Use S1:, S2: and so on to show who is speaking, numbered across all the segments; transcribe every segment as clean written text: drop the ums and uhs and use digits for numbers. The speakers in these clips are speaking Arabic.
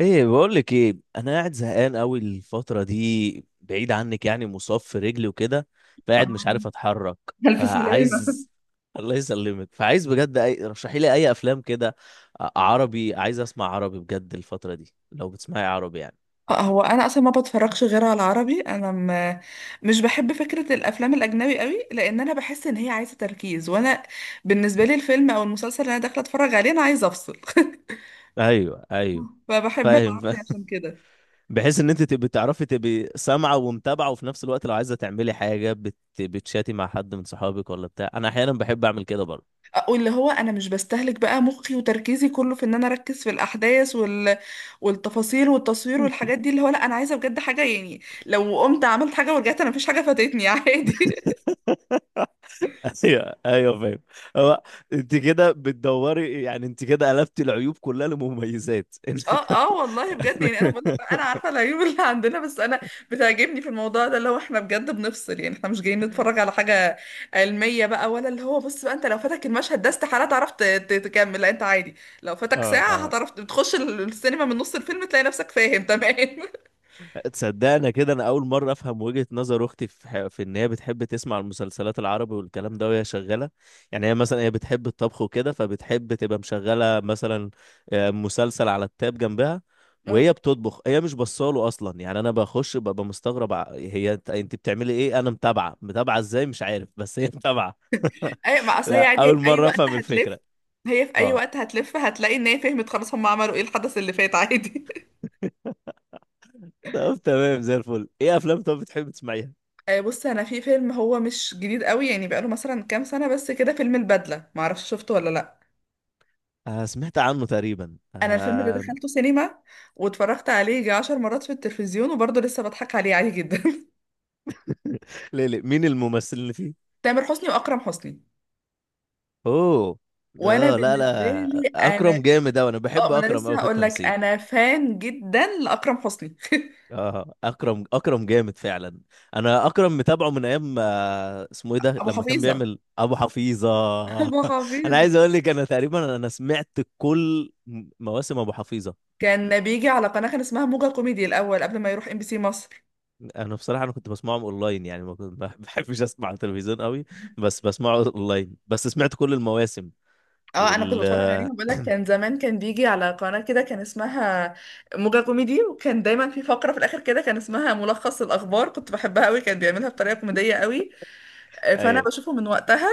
S1: ايه بقول لك ايه، انا قاعد زهقان قوي الفتره دي، بعيد عنك، يعني مصاب في رجلي وكده. فقاعد مش عارف
S2: آه.
S1: اتحرك.
S2: ألف سلامة.
S1: فعايز الله يسلمك. فعايز بجد اي، رشحي لي اي افلام كده. عربي، عايز اسمع عربي بجد الفتره دي لو بتسمعي عربي يعني.
S2: هو انا اصلا ما بتفرجش غير على العربي. مش بحب فكره الافلام الاجنبي قوي لان انا بحس ان هي عايزه تركيز، وانا بالنسبه لي الفيلم او المسلسل اللي انا داخله اتفرج عليه انا عايزه افصل.
S1: ايوه، ايوه،
S2: فبحب
S1: فاهم،
S2: العربي
S1: فاهم.
S2: عشان كده.
S1: بحيث ان انت تبقي تعرفي، تبقي سامعه ومتابعه، وفي نفس الوقت لو عايزه تعملي حاجه بتشاتي مع حد من صحابك ولا بتاع. انا احيانا بحب اعمل كده برضه.
S2: آه، واللي هو انا مش بستهلك بقى مخي وتركيزي كله في ان انا اركز في الاحداث والتفاصيل والتصوير والحاجات دي. اللي هو لا، انا عايزه بجد حاجه يعني لو قمت عملت حاجه ورجعت انا مفيش حاجه فاتتني عادي.
S1: ايوه، ايوه، فاهم. هو انت كده بتدوري، يعني انت كده قلبتي العيوب كلها لمميزات.
S2: اه اه، والله بجد يعني انا بقول لك انا عارفه العيوب اللي عندنا، بس انا بتعجبني في الموضوع ده اللي هو احنا بجد بنفصل. يعني احنا مش جايين نتفرج على حاجه علميه بقى، ولا اللي هو بص بقى، انت لو فاتك المشهد ده استحاله تعرف تكمل. لا انت عادي لو فاتك
S1: اه،
S2: ساعه
S1: اه،
S2: هتعرف، بتخش السينما من نص الفيلم تلاقي نفسك فاهم تمام.
S1: تصدقنا كده، انا اول مره افهم وجهه نظر اختي في في ان هي بتحب تسمع المسلسلات العربي والكلام ده وهي شغاله. يعني هي مثلا هي بتحب الطبخ وكده، فبتحب تبقى مشغله مثلا آه، مسلسل على التاب جنبها
S2: اه،
S1: وهي بتطبخ. هي مش بصاله اصلا، يعني انا بخش ببقى مستغرب، هي، انت بتعملي ايه؟ انا متابعه متابعه ازاي مش عارف، بس هي متابعه.
S2: اي ما اصل هي
S1: لا،
S2: عادي، هي
S1: اول
S2: في اي
S1: مره
S2: وقت
S1: افهم
S2: هتلف.
S1: الفكره. اه،
S2: هتلاقي ان هي فهمت خلاص هم عملوا ايه، الحدث اللي فات عادي.
S1: طب تمام زي الفل. ايه افلام طب بتحب تسمعيها؟
S2: آه، بص انا في فيلم هو مش جديد قوي، يعني بقاله مثلا كام سنه بس كده، فيلم البدله، معرفش شفته ولا لا.
S1: آه، سمعت عنه تقريبا،
S2: انا الفيلم ده
S1: آه.
S2: دخلته سينما واتفرجت عليه يجي 10 مرات في التلفزيون، وبرضه لسه بضحك عليه عادي جدا.
S1: ليه؟ ليه؟ مين الممثل اللي فيه؟
S2: تامر حسني واكرم حسني.
S1: اوه.
S2: وانا
S1: اه، لا، لا،
S2: بالنسبه لي انا،
S1: اكرم جامد اوي، انا
S2: اه،
S1: بحب
S2: ما انا
S1: اكرم اوي
S2: لسه
S1: في
S2: هقول لك
S1: التمثيل.
S2: انا فان جدا لاكرم حسني.
S1: اه، اكرم، اكرم جامد فعلا. انا اكرم متابعه من ايام آه، اسمه ايه ده
S2: ابو
S1: لما كان
S2: حفيظه.
S1: بيعمل ابو حفيظه.
S2: ابو
S1: انا
S2: حفيظه
S1: عايز اقول لك، انا تقريبا انا سمعت كل مواسم ابو حفيظه.
S2: كان بيجي على قناه كان اسمها موجة كوميدي الاول قبل ما يروح ام بي سي مصر.
S1: انا بصراحه انا كنت بسمعهم اونلاين، يعني ما بحبش اسمع على التلفزيون قوي، بس بسمعه اونلاين، بس سمعت كل المواسم.
S2: اه انا كنت
S1: وال
S2: بتفرج عليهم، بقول لك كان زمان كان بيجي على قناة كده كان اسمها موجة كوميدي، وكان دايما في فقرة في الاخر كده كان اسمها ملخص الاخبار كنت بحبها قوي، كان بيعملها بطريقة كوميدية قوي. آه، فانا
S1: ايوه.
S2: بشوفه من وقتها.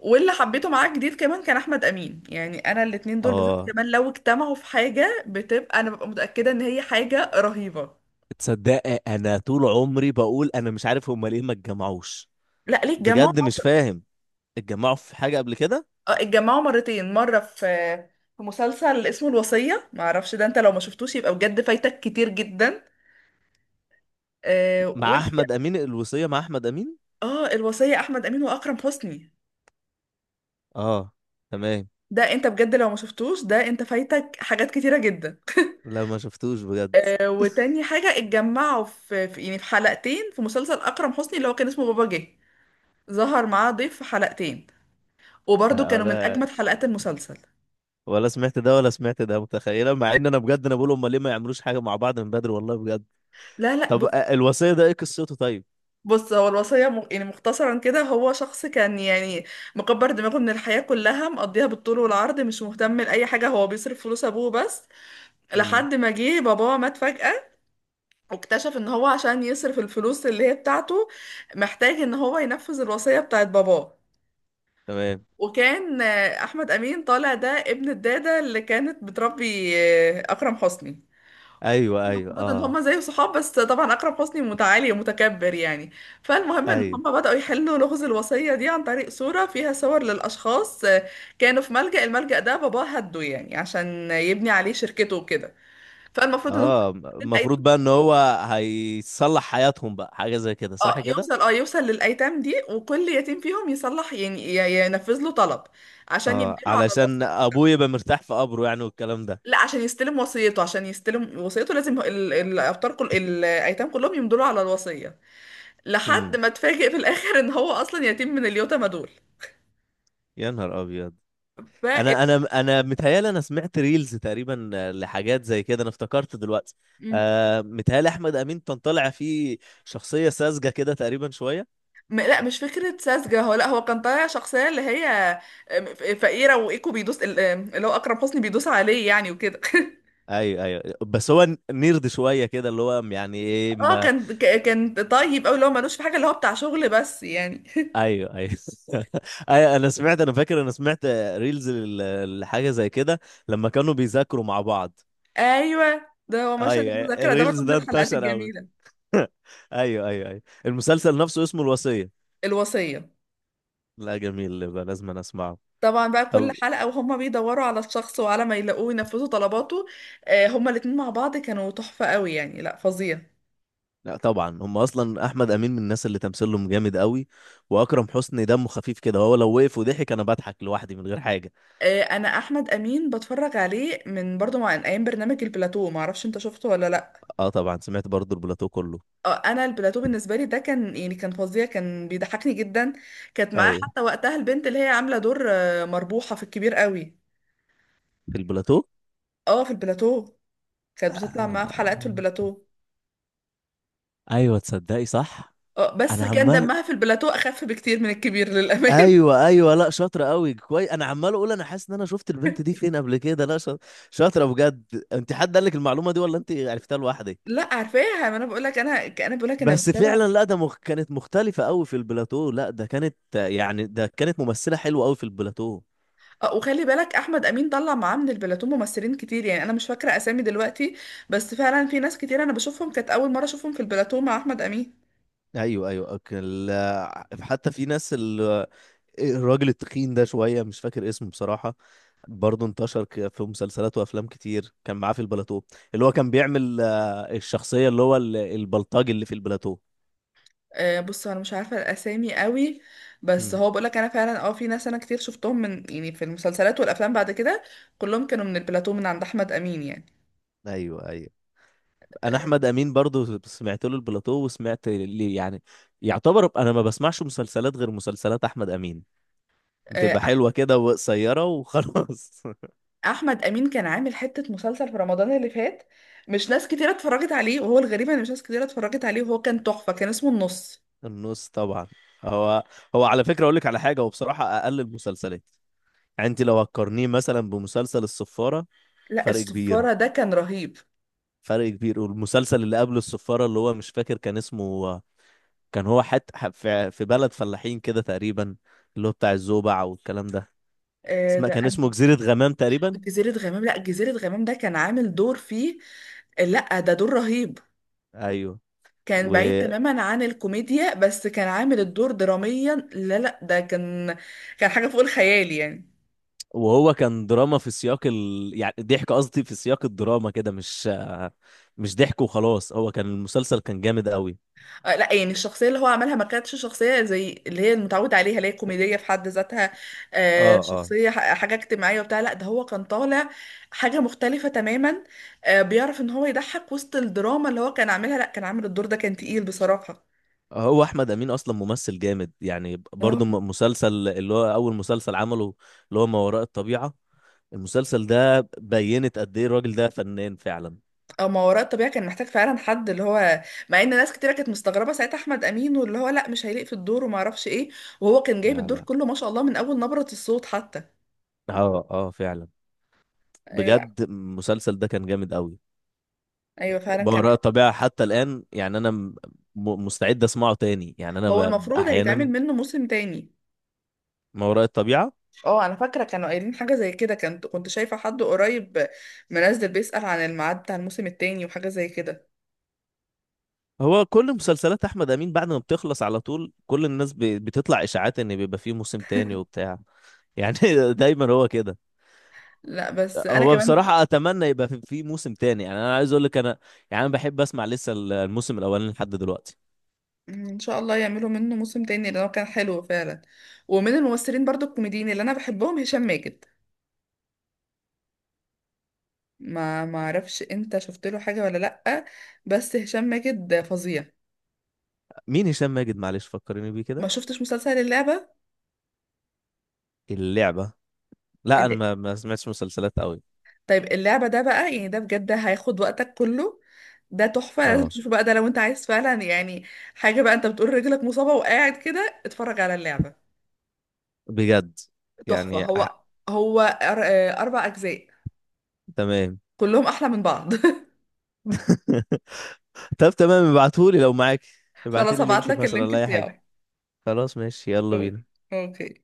S2: واللي حبيته معاه جديد كمان كان احمد امين، يعني انا الاتنين دول بالذات
S1: اه،
S2: كمان لو اجتمعوا في حاجة بتبقى، انا ببقى متأكدة ان هي حاجة رهيبة.
S1: تصدق، انا طول عمري بقول انا مش عارف هما ليه ما اتجمعوش.
S2: لا ليه؟ اتجمعوا.
S1: بجد مش فاهم. اتجمعوا في حاجة قبل كده؟
S2: آه، اتجمعوا مرتين. مرة في مسلسل اسمه الوصية، معرفش ده، انت لو ما شفتوش يبقى بجد فايتك كتير جدا.
S1: مع احمد امين؟ الوصية مع احمد امين؟
S2: اه، الوصية، احمد امين واكرم حسني.
S1: اه، تمام.
S2: ده انت بجد لو ما شفتوش ده انت فايتك حاجات كتيرة جدا.
S1: لا، ما شفتوش بجد.
S2: آه، وتاني حاجة اتجمعوا في, في يعني في حلقتين في مسلسل اكرم حسني اللي هو كان اسمه بابا جه، ظهر معاه ضيف في حلقتين، وبرضه
S1: لا،
S2: كانوا من اجمد
S1: ولا
S2: حلقات المسلسل.
S1: ولا سمعت ده، ولا سمعت ده، متخيلة، مع ان انا بجد انا بقول هما ليه ما يعملوش حاجة مع بعض من بدري والله بجد.
S2: لا لا،
S1: طب آه،
S2: بص.
S1: الوصية ده ايه قصته؟ طيب.
S2: بص هو الوصية، يعني مختصرا كده، هو شخص كان يعني مكبر دماغه من الحياة كلها، مقضيها بالطول والعرض، مش مهتم لأي حاجة، هو بيصرف فلوس أبوه بس.
S1: امم.
S2: لحد ما جه باباه مات فجأة، واكتشف ان هو عشان يصرف الفلوس اللي هي بتاعته محتاج ان هو ينفذ الوصية بتاعت باباه.
S1: تمام.
S2: وكان آه، احمد امين طالع ده ابن الدادة اللي كانت بتربي آه، اكرم حسني.
S1: ايوه، ايوه،
S2: المفروض ان
S1: اه.
S2: هما زي صحاب، بس طبعا اكرم حسني متعالي ومتكبر يعني. فالمهم ان
S1: ايوه،
S2: هما بدأوا يحلوا لغز الوصية دي عن طريق صورة فيها صور للاشخاص. آه، كانوا في ملجأ، الملجأ ده باباه هده يعني عشان يبني عليه شركته وكده. فالمفروض ان
S1: اه،
S2: هما،
S1: المفروض بقى ان هو هيصلح حياتهم بقى، حاجة زي كده،
S2: اه
S1: صح كده؟
S2: يوصل اه يوصل للأيتام دي، وكل يتيم فيهم يصلح، يعني ينفذ له طلب عشان
S1: اه،
S2: يمدله على
S1: علشان
S2: الوصية.
S1: ابويا يبقى مرتاح في قبره يعني، والكلام ده.
S2: لا عشان يستلم وصيته، عشان يستلم وصيته لازم الأبطال كل الأيتام كلهم يمدلوا على الوصية. لحد
S1: امم.
S2: ما اتفاجئ في الآخر إن هو أصلا يتيم من اليتامى دول.
S1: يا نهار ابيض.
S2: ف...
S1: انا متهيالي انا سمعت ريلز تقريبا آه، لحاجات زي كده، انا افتكرت دلوقتي.
S2: مم.
S1: آه، متهيالي احمد امين كان طالع فيه شخصيه ساذجه كده تقريبا شويه.
S2: لا مش فكرة ساذجة. هو لا، هو كان طالع شخصية اللي هي آم، فقيرة وإيكو بيدوس آم، اللي هو أكرم حسني بيدوس عليه يعني وكده.
S1: ايوه، ايوه، بس هو نيرد شويه كده، اللي هو يعني ايه
S2: اه
S1: ما.
S2: كان كان طيب أوي، اللي هو ملوش في حاجة، اللي هو بتاع شغل بس يعني.
S1: ايوه، ايوه. ايوه، انا سمعت، انا فاكر انا سمعت ريلز لحاجه زي كده لما كانوا بيذاكروا مع بعض.
S2: ايوه ده هو مشهد
S1: ايوه،
S2: المذاكره ده برضه
S1: الريلز
S2: من
S1: ده
S2: الحلقات
S1: انتشر قوي.
S2: الجميله.
S1: ايوه، ايوه، ايوه، المسلسل نفسه اسمه الوصية.
S2: الوصيه.
S1: لا جميل، يبقى لازم أنا اسمعه.
S2: طبعا بقى كل
S1: طب.
S2: حلقه وهم بيدوروا على الشخص، وعلى ما يلاقوه ينفذوا طلباته. آه، هما الاتنين مع بعض كانوا تحفه قوي يعني، لا فظيع.
S1: لا طبعا، هم اصلا احمد امين من الناس اللي تمثيلهم جامد قوي. واكرم حسني دمه خفيف كده، هو لو وقف وضحك انا بضحك لوحدي من غير حاجة.
S2: آه، انا احمد امين بتفرج عليه من برضه، مع من ايام برنامج البلاتو، ما اعرفش انت شفته ولا لا.
S1: اه طبعا، سمعت برضو البلاتو كله.
S2: آه، انا البلاتو بالنسبه لي ده كان يعني كان فظيع، كان بيضحكني جدا. كانت معاه
S1: ايوه،
S2: حتى وقتها البنت اللي هي عامله دور آه، مربوحه في الكبير قوي.
S1: في البلاتو.
S2: اه في البلاتو، كانت بتطلع معاه في حلقات في
S1: آه.
S2: البلاتو.
S1: ايوه، تصدقي، صح.
S2: اه بس
S1: انا
S2: كان
S1: عمال،
S2: دمها في البلاتو اخف بكتير من الكبير للامانه.
S1: ايوه، ايوه، لا شاطره قوي كويس، انا عمال اقول انا حاسس ان انا شفت البنت دي فين قبل كده، لا شاطره، شاطره بجد. انت حد قال لك المعلومه دي، ولا انت عرفتها لوحدك؟
S2: لا عارفاها، ما انا بقول لك انا، انا بقول لك انا.
S1: بس
S2: بتابع
S1: فعلا لا ده كانت مختلفة قوي في البلاتو، لا ده كانت يعني ده كانت ممثلة حلوة قوي في البلاتو.
S2: اه وخلي بالك احمد امين طلع معاه من البلاتو ممثلين كتير، يعني انا مش فاكره اسامي دلوقتي، بس فعلا في ناس كتير انا بشوفهم كانت اول مره اشوفهم في البلاتو مع احمد امين.
S1: ايوه، ايوه، أوكي. حتى في ناس الراجل التخين ده شوية مش فاكر اسمه بصراحة، برضه انتشر في مسلسلات وافلام كتير، كان معاه في البلاتو، اللي هو كان بيعمل آه، الشخصية اللي هو البلطاج اللي في البلاتو.
S2: آه بص انا مش عارفه الاسامي قوي، بس
S1: مم.
S2: هو بقول لك انا فعلا اه في ناس انا كتير شفتهم من يعني في المسلسلات والافلام بعد كده كلهم كانوا من البلاتو، من عند احمد امين يعني.
S1: ايوه، ايوه. انا احمد
S2: آه،
S1: امين برضه سمعت له البلاتو وسمعت ليه، يعني يعتبر انا ما بسمعش مسلسلات غير مسلسلات احمد امين،
S2: آه،
S1: بتبقى حلوة كده وقصيرة وخلاص.
S2: احمد امين كان عامل حته مسلسل في رمضان اللي فات، مش ناس كتير اتفرجت عليه. وهو الغريب ان مش ناس كتير اتفرجت عليه، وهو كان تحفه، كان اسمه النص.
S1: النص طبعا. هو، هو على فكرة أقول لك على حاجة، هو بصراحة أقل المسلسلات، يعني أنت لو هتقارنيه مثلا بمسلسل الصفارة،
S2: لا
S1: فرق كبير،
S2: الصفاره ده كان رهيب.
S1: فرق كبير. والمسلسل اللي قبل الصفارة اللي هو مش فاكر كان اسمه، كان هو حتى في في بلد فلاحين كده تقريبا، اللي هو بتاع الزوبع والكلام ده،
S2: آه،
S1: اسمه
S2: ده
S1: كان اسمه
S2: أنا...
S1: جزيرة غمام تقريبا.
S2: جزيره غمام. لا جزيره غمام ده كان عامل دور فيه، لا ده دور رهيب،
S1: أيوه.
S2: كان
S1: و...
S2: بعيد تماما عن الكوميديا، بس كان عامل الدور دراميا. لا لا، ده كان كان حاجه فوق الخيال يعني.
S1: وهو كان دراما في سياق يعني ضحك، قصدي في سياق الدراما كده، مش ضحك وخلاص، هو كان المسلسل كان جامد قوي.
S2: آه، لا يعني الشخصية اللي هو عملها ما كانتش شخصية زي اللي هي المتعودة عليها اللي هي كوميدية في حد ذاتها. آه،
S1: اه، اه،
S2: شخصية حاجة اجتماعية وبتاع، لا ده هو كان طالع حاجة مختلفة تماما. آه، بيعرف ان هو يضحك وسط الدراما، اللي هو كان عاملها لا، كان عامل الدور ده كان تقيل بصراحة.
S1: هو احمد امين اصلا ممثل جامد يعني،
S2: اه.
S1: برضه مسلسل اللي هو اول مسلسل عمله اللي هو ما وراء الطبيعة، المسلسل ده بينت قد ايه الراجل ده فنان فعلا.
S2: آه، ما وراء الطبيعة كان محتاج فعلا حد اللي هو، مع ان ناس كتيرة كانت مستغربة ساعتها، احمد امين واللي هو لا مش هيليق في الدور وما اعرفش ايه، وهو كان جايب
S1: لا،
S2: الدور
S1: لا.
S2: كله ما شاء الله من اول نبرة الصوت حتى.
S1: اه، اه، فعلا.
S2: آه، لا.
S1: بجد المسلسل ده كان جامد قوي.
S2: ايوه فعلا
S1: ما
S2: كان.
S1: وراء الطبيعة حتى الآن يعني، أنا مستعد أسمعه تاني يعني، أنا
S2: هو المفروض هيتعمل
S1: أحيانا.
S2: منه موسم تاني.
S1: ما وراء الطبيعة.
S2: اه انا فاكره كانوا قايلين حاجه زي كده، كنت شايفه حد قريب منزل بيسأل عن الميعاد بتاع الموسم التاني وحاجه زي كده.
S1: هو كل مسلسلات احمد امين بعد ما بتخلص على طول كل الناس بتطلع اشاعات ان بيبقى فيه موسم تاني وبتاع يعني. دايما هو كده.
S2: لا بس انا
S1: هو
S2: كمان.
S1: بصراحة اتمنى يبقى في في موسم تاني يعني، انا عايز اقول لك انا يعني انا بحب اسمع لسه الموسم الاولاني لحد دلوقتي.
S2: مم، ان شاء الله يعملوا منه موسم تاني، لان هو كان حلو فعلا. ومن الممثلين برضو الكوميديين اللي انا بحبهم هشام ماجد، ما اعرفش انت شفت له حاجه ولا لا، بس هشام ماجد فظيع.
S1: مين هشام ماجد؟ معلش فكرني بيه
S2: ما
S1: كده.
S2: شفتش مسلسل اللعبه؟
S1: اللعبة. لا، انا ما ما سمعتش مسلسلات قوي.
S2: طيب اللعبة ده بقى، يعني ده بجد هياخد وقتك كله، ده تحفة. لازم
S1: اه،
S2: تشوفه بقى ده، لو انت عايز فعلا يعني حاجة بقى، انت بتقول رجلك مصابة وقاعد كده، اتفرج على اللعبة.
S1: بجد،
S2: تحفة.
S1: يعني
S2: هو هو أربع أجزاء،
S1: تمام.
S2: كلهم أحلى من بعض.
S1: طب تمام ابعتهولي لو معاك.
S2: خلاص
S1: ابعتلي لينك
S2: هبعتلك
S1: مثلا
S2: اللينك
S1: ولا اي حاجة.
S2: بتاعه.
S1: خلاص، ماشي، يلا
S2: أوكي.
S1: بينا.
S2: أوكي.